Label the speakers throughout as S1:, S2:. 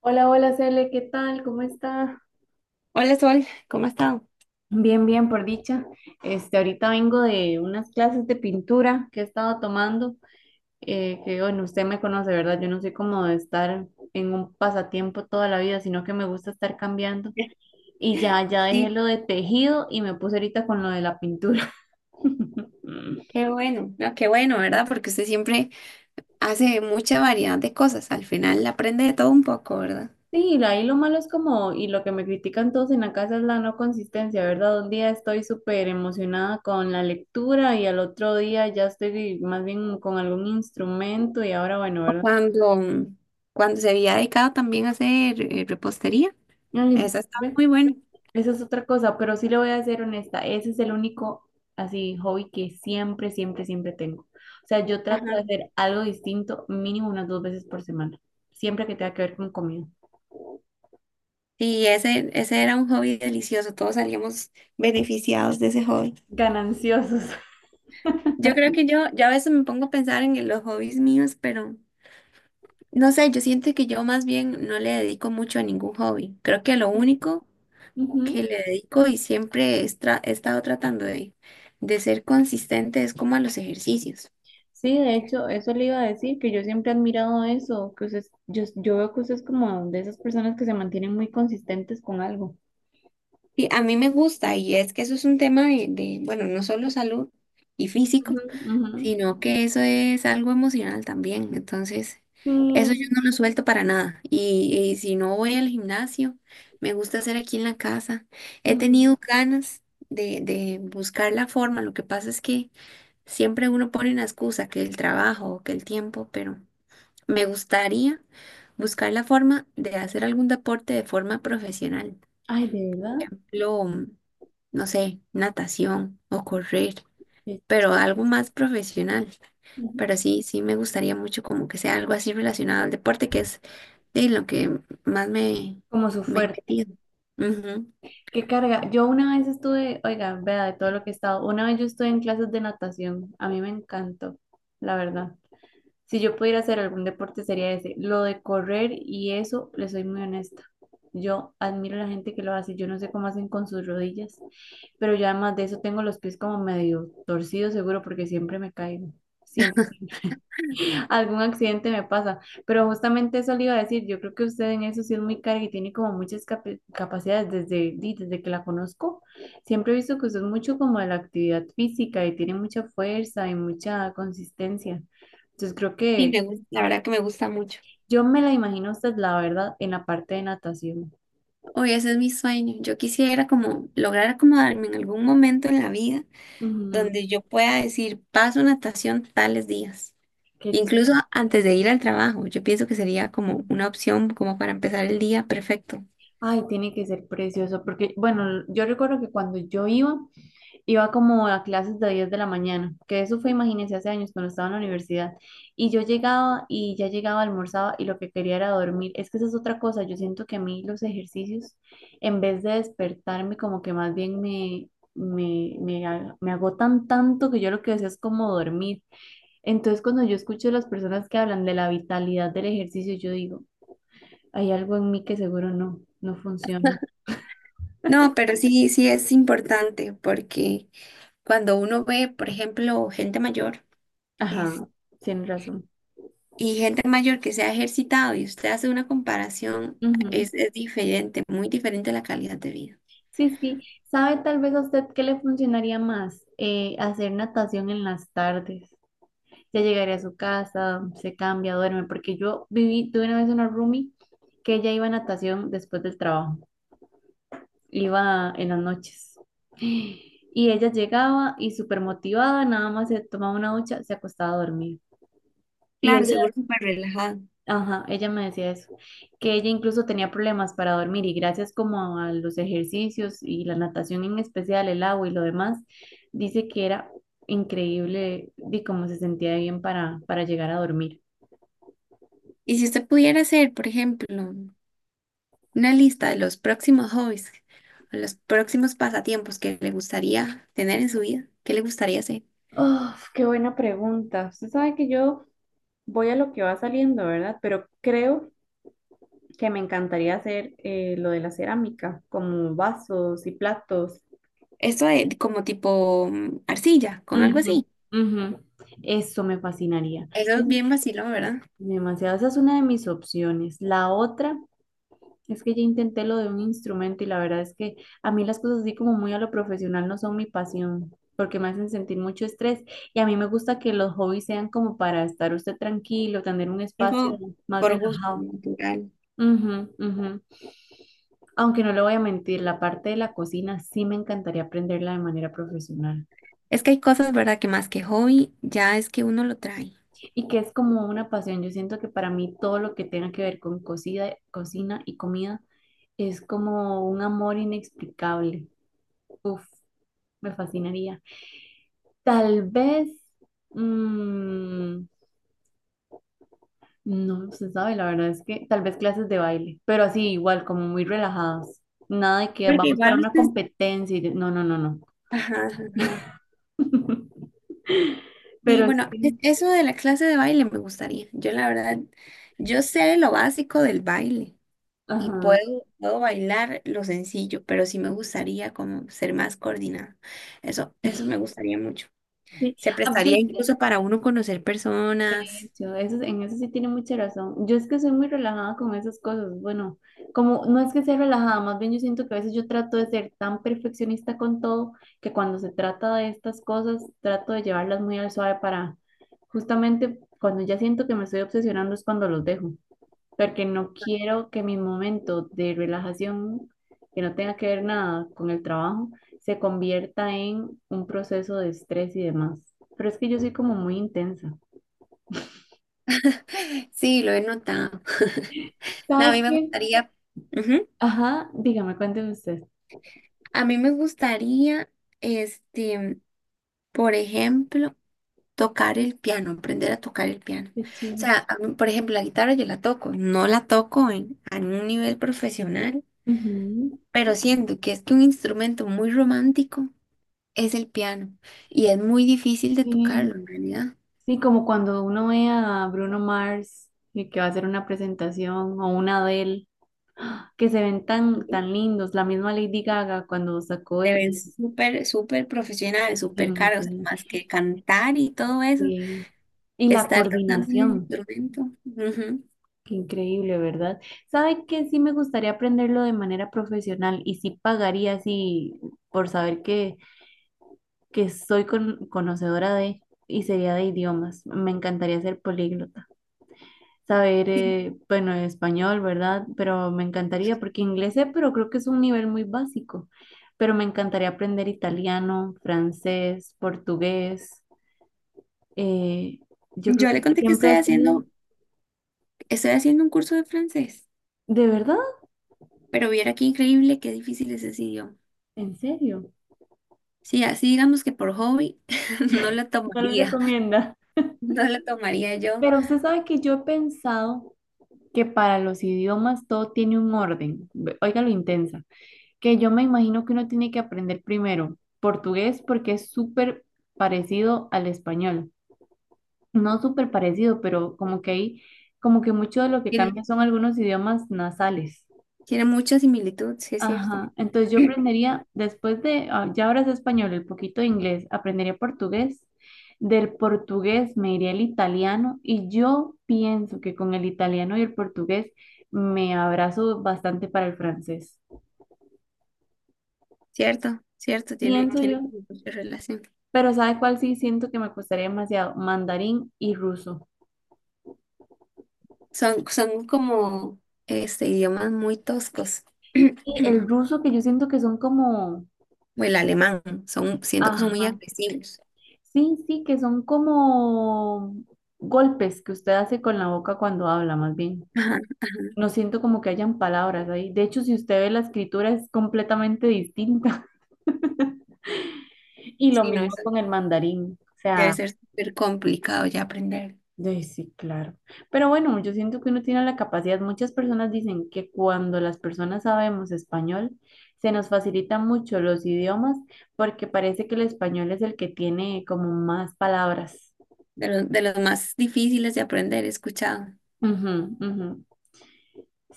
S1: Hola, hola, Cele, ¿qué tal? ¿Cómo está?
S2: Hola Sol, ¿cómo has estado?
S1: Bien, bien, por dicha. Ahorita vengo de unas clases de pintura que he estado tomando, que bueno, usted me conoce, ¿verdad? Yo no soy como de estar en un pasatiempo toda la vida, sino que me gusta estar cambiando. Y ya, ya dejé
S2: Sí,
S1: lo de tejido y me puse ahorita con lo de la pintura.
S2: qué bueno, no, qué bueno, ¿verdad? Porque usted siempre hace mucha variedad de cosas, al final aprende de todo un poco, ¿verdad?
S1: Sí, ahí lo malo es como, y lo que me critican todos en la casa es la no consistencia, ¿verdad? Un día estoy súper emocionada con la lectura y al otro día ya estoy más bien con algún instrumento y ahora, bueno, ¿verdad?
S2: Cuando, cuando se había dedicado también a hacer repostería,
S1: Ay,
S2: esa estaba
S1: ve,
S2: muy buena.
S1: esa es otra cosa, pero sí le voy a ser honesta, ese es el único así hobby que siempre, siempre, siempre tengo. O sea, yo trato de hacer algo distinto mínimo unas dos veces por semana, siempre que tenga que ver con comida.
S2: Sí, ese era un hobby delicioso, todos salíamos beneficiados de ese hobby.
S1: Gananciosos.
S2: Yo creo que yo a veces me pongo a pensar en los hobbies míos, pero no sé, yo siento que yo más bien no le dedico mucho a ningún hobby. Creo que lo único que le dedico y siempre he estado tratando de ser consistente es como a los ejercicios.
S1: Sí, de hecho, eso le iba a decir, que yo siempre he admirado eso, que usted, yo veo que usted es como de esas personas que se mantienen muy consistentes con algo.
S2: Y a mí me gusta y es que eso es un tema bueno, no solo salud y físico,
S1: Ujú, ujú.
S2: sino que eso es algo emocional también. Entonces, eso yo
S1: Sí,
S2: no lo suelto para nada. Y si no voy al gimnasio, me gusta hacer aquí en la casa. He
S1: ujú.
S2: tenido ganas de buscar la forma. Lo que pasa es que siempre uno pone una excusa, que el trabajo o que el tiempo, pero me gustaría buscar la forma de hacer algún deporte de forma profesional.
S1: Ay, de verdad.
S2: Ejemplo, no sé, natación o correr,
S1: Sí.
S2: pero algo más profesional.
S1: Ujú.
S2: Pero sí me gustaría mucho como que sea algo así relacionado al deporte, que es de lo que más
S1: Como su
S2: me he
S1: fuerte.
S2: metido. Ujú.
S1: Qué carga. Yo una vez estuve, oiga, vea, de todo lo que he estado, una vez yo estuve en clases de natación. A mí me encantó, la verdad. Si yo pudiera hacer algún deporte sería ese. Lo de correr y eso, le soy muy honesta. Yo admiro a la gente que lo hace. Yo no sé cómo hacen con sus rodillas, pero yo además de eso tengo los pies como medio torcidos seguro porque siempre me caigo. Siempre, siempre. Algún accidente me pasa. Pero justamente eso le iba a decir. Yo creo que usted en eso sí es muy carga y tiene como muchas capacidades desde que la conozco. Siempre he visto que usted es mucho como de la actividad física y tiene mucha fuerza y mucha consistencia. Entonces creo
S2: Sí,
S1: que
S2: me gusta, la verdad que me gusta mucho.
S1: yo me la imagino a usted, la verdad, en la parte de natación.
S2: Hoy ese es mi sueño. Yo quisiera como lograr acomodarme en algún momento en la vida
S1: Ujú.
S2: donde yo pueda decir, paso natación tales días.
S1: Qué
S2: Incluso
S1: chido.
S2: antes de ir al trabajo, yo pienso que sería como
S1: Ujú.
S2: una opción como para empezar el día perfecto.
S1: Ay, tiene que ser precioso, porque, bueno, yo recuerdo que cuando yo iba, iba como a clases de 10 de la mañana, que eso fue, imagínense, hace años cuando estaba en la universidad, y yo llegaba y ya llegaba, almorzaba y lo que quería era dormir. Es que esa es otra cosa, yo siento que a mí los ejercicios, en vez de despertarme, como que más bien me agotan tanto que yo lo que deseo es como dormir. Entonces, cuando yo escucho a las personas que hablan de la vitalidad del ejercicio, yo digo, hay algo en mí que seguro no, no funciona.
S2: No, pero sí es importante porque cuando uno ve, por ejemplo, gente mayor es-
S1: Ajá, tiene razón.
S2: y gente mayor que se ha ejercitado y usted hace una comparación,
S1: Ujú.
S2: es diferente, muy diferente la calidad de vida.
S1: Sí, sí. ¿Sabe tal vez a usted qué le funcionaría más? Hacer natación en las tardes. Ya llegaría a su casa, se cambia, duerme, porque yo viví, tuve una vez una roomie que ella iba a natación después del trabajo, iba en las noches. Y ella llegaba y súper motivada, nada más se tomaba una ducha, se acostaba a dormir. Y
S2: Claro,
S1: ella.
S2: seguro súper relajado.
S1: Ajá, ella me decía eso, que ella incluso tenía problemas para dormir y gracias como a los ejercicios y la natación en especial, el agua y lo demás, dice que era increíble de cómo se sentía bien para llegar a dormir.
S2: Y si usted pudiera hacer, por ejemplo, una lista de los próximos hobbies, o los próximos pasatiempos que le gustaría tener en su vida, ¿qué le gustaría hacer?
S1: Uf, qué buena pregunta. Usted sabe que yo voy a lo que va saliendo, ¿verdad? Pero creo que me encantaría hacer lo de la cerámica, como vasos y platos.
S2: Esto de como tipo arcilla, con algo
S1: Ujú,
S2: así.
S1: ujú. Eso me fascinaría.
S2: Eso es bien vacilón, ¿verdad?
S1: Demasiado, esa es una de mis opciones. La otra es que ya intenté lo de un instrumento y la verdad es que a mí las cosas así como muy a lo profesional no son mi pasión porque me hacen sentir mucho estrés y a mí me gusta que los hobbies sean como para estar usted tranquilo, tener un espacio
S2: Algo
S1: más
S2: por gusto,
S1: relajado.
S2: natural.
S1: Ujú, ujú. Aunque no le voy a mentir, la parte de la cocina sí me encantaría aprenderla de manera profesional.
S2: Es que hay cosas, ¿verdad? Que más que hobby, ya es que uno lo trae.
S1: Y que es como una pasión. Yo siento que para mí todo lo que tenga que ver con cocina y comida es como un amor inexplicable. Uf, me fascinaría. Tal vez, mm, no se sabe, la verdad es que tal vez clases de baile, pero así igual, como muy relajadas. Nada de que
S2: Porque
S1: vamos para
S2: igual
S1: una
S2: usted...
S1: competencia y no, no, no, no.
S2: Ajá, ajá, ajá. Sí,
S1: Pero
S2: bueno,
S1: sí.
S2: eso de la clase de baile me gustaría. Yo la verdad, yo sé lo básico del baile y
S1: Ajá.
S2: puedo bailar lo sencillo, pero sí me gustaría como ser más coordinada. Eso me gustaría mucho. Se
S1: Ah, yo,
S2: prestaría
S1: sí.
S2: incluso para uno conocer personas.
S1: En eso sí tiene mucha razón. Yo es que soy muy relajada con esas cosas. Bueno, como no es que sea relajada, más bien yo siento que a veces yo trato de ser tan perfeccionista con todo que cuando se trata de estas cosas trato de llevarlas muy al suave para justamente cuando ya siento que me estoy obsesionando es cuando los dejo, porque no quiero que mi momento de relajación, que no tenga que ver nada con el trabajo, se convierta en un proceso de estrés y demás. Pero es que yo soy como muy intensa.
S2: Sí, lo he notado. No, a
S1: ¿Sabes
S2: mí me
S1: qué?
S2: gustaría, ujú.
S1: Ajá, dígame, cuénteme usted.
S2: A mí me gustaría, este, por ejemplo, tocar el piano, aprender a tocar el piano.
S1: Qué
S2: O
S1: chido.
S2: sea, a mí, por ejemplo, la guitarra yo la toco, no la toco en, a un nivel profesional,
S1: Ujú.
S2: pero siento que es que un instrumento muy romántico es el piano y es muy difícil de tocarlo
S1: Sí,
S2: en realidad.
S1: sí, como cuando uno ve a Bruno Mars y que va a hacer una presentación o una Adele, ¡ah!, que se ven tan, tan lindos. La misma Lady Gaga cuando sacó
S2: Te
S1: el...
S2: ves súper profesional, súper caro, o sea,
S1: sí,
S2: más que cantar y todo eso,
S1: sí. Y la
S2: estar tocando el
S1: coordinación,
S2: instrumento. Ujú,
S1: qué increíble, ¿verdad? ¿Sabe que sí me gustaría aprenderlo de manera profesional y sí pagaría así por saber que soy conocedora de y sería de idiomas? Me encantaría ser políglota. Saber,
S2: sí.
S1: bueno, español, ¿verdad? Pero me encantaría, porque inglés sé, pero creo que es un nivel muy básico. Pero me encantaría aprender italiano, francés, portugués. eh, yo creo
S2: Yo le
S1: que
S2: conté que
S1: siempre
S2: estoy
S1: ha sido,
S2: estoy haciendo un curso de francés.
S1: ¿de verdad?
S2: Pero viera qué increíble, qué difícil es ese idioma.
S1: ¿En serio?
S2: Sí, así digamos que por hobby no la
S1: No lo
S2: tomaría,
S1: recomienda.
S2: no la tomaría yo.
S1: Pero usted sabe que yo he pensado que para los idiomas todo tiene un orden. Oiga lo intensa. Que yo me imagino que uno tiene que aprender primero portugués porque es súper parecido al español. No súper parecido, pero como que hay, como que mucho de lo que cambia
S2: Tiene,
S1: son algunos idiomas nasales.
S2: tiene mucha similitud, sí es cierto.
S1: Ajá, entonces yo aprendería, después de, ah, ya ahora es español, el poquito de inglés, aprendería portugués. Del portugués me iría el italiano y yo pienso que con el italiano y el portugués me abrazo bastante para el francés.
S2: Cierto, cierto, tiene,
S1: Pienso
S2: tiene
S1: yo.
S2: como mucha relación.
S1: Pero ¿sabe cuál sí siento que me costaría demasiado? Mandarín y ruso.
S2: Son como idiomas muy toscos.
S1: Y el ruso, que yo siento que son como,
S2: O el alemán, son, siento que son muy
S1: ajá,
S2: agresivos.
S1: sí, sí, que son como golpes que usted hace con la boca cuando habla, más bien.
S2: Ajá.
S1: No siento como que hayan palabras ahí. De hecho, si usted ve la escritura es completamente distinta. Y lo
S2: Sí, no,
S1: mismo
S2: eso
S1: con el mandarín. O
S2: debe
S1: sea,
S2: ser súper complicado ya aprender.
S1: Sí, claro. Pero bueno, yo siento que uno tiene la capacidad. Muchas personas dicen que cuando las personas sabemos español, se nos facilitan mucho los idiomas porque parece que el español es el que tiene como más palabras.
S2: De los más difíciles de aprender, he escuchado.
S1: Ujú, ujú.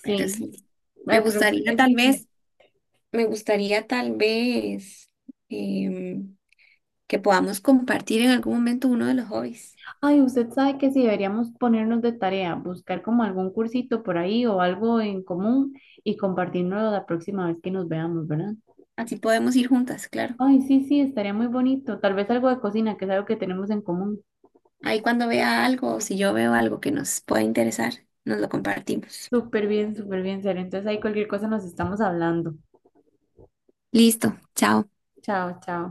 S2: Pero sí, me
S1: Ay, pero
S2: gustaría
S1: es
S2: tal
S1: lindo.
S2: vez, me gustaría tal vez em, que podamos compartir en algún momento uno de los hobbies.
S1: Ay, usted sabe que si deberíamos ponernos de tarea, buscar como algún cursito por ahí o algo en común y compartirnos la próxima vez que nos veamos, ¿verdad?
S2: Así podemos ir juntas, claro.
S1: Ay, sí, sí, estaría muy bonito. Tal vez algo de cocina, que es algo que tenemos en común.
S2: Ahí cuando vea algo o si yo veo algo que nos pueda interesar, nos lo compartimos.
S1: Súper bien, serio. Entonces ahí cualquier cosa nos estamos hablando.
S2: Listo, chao.
S1: Chao, chao.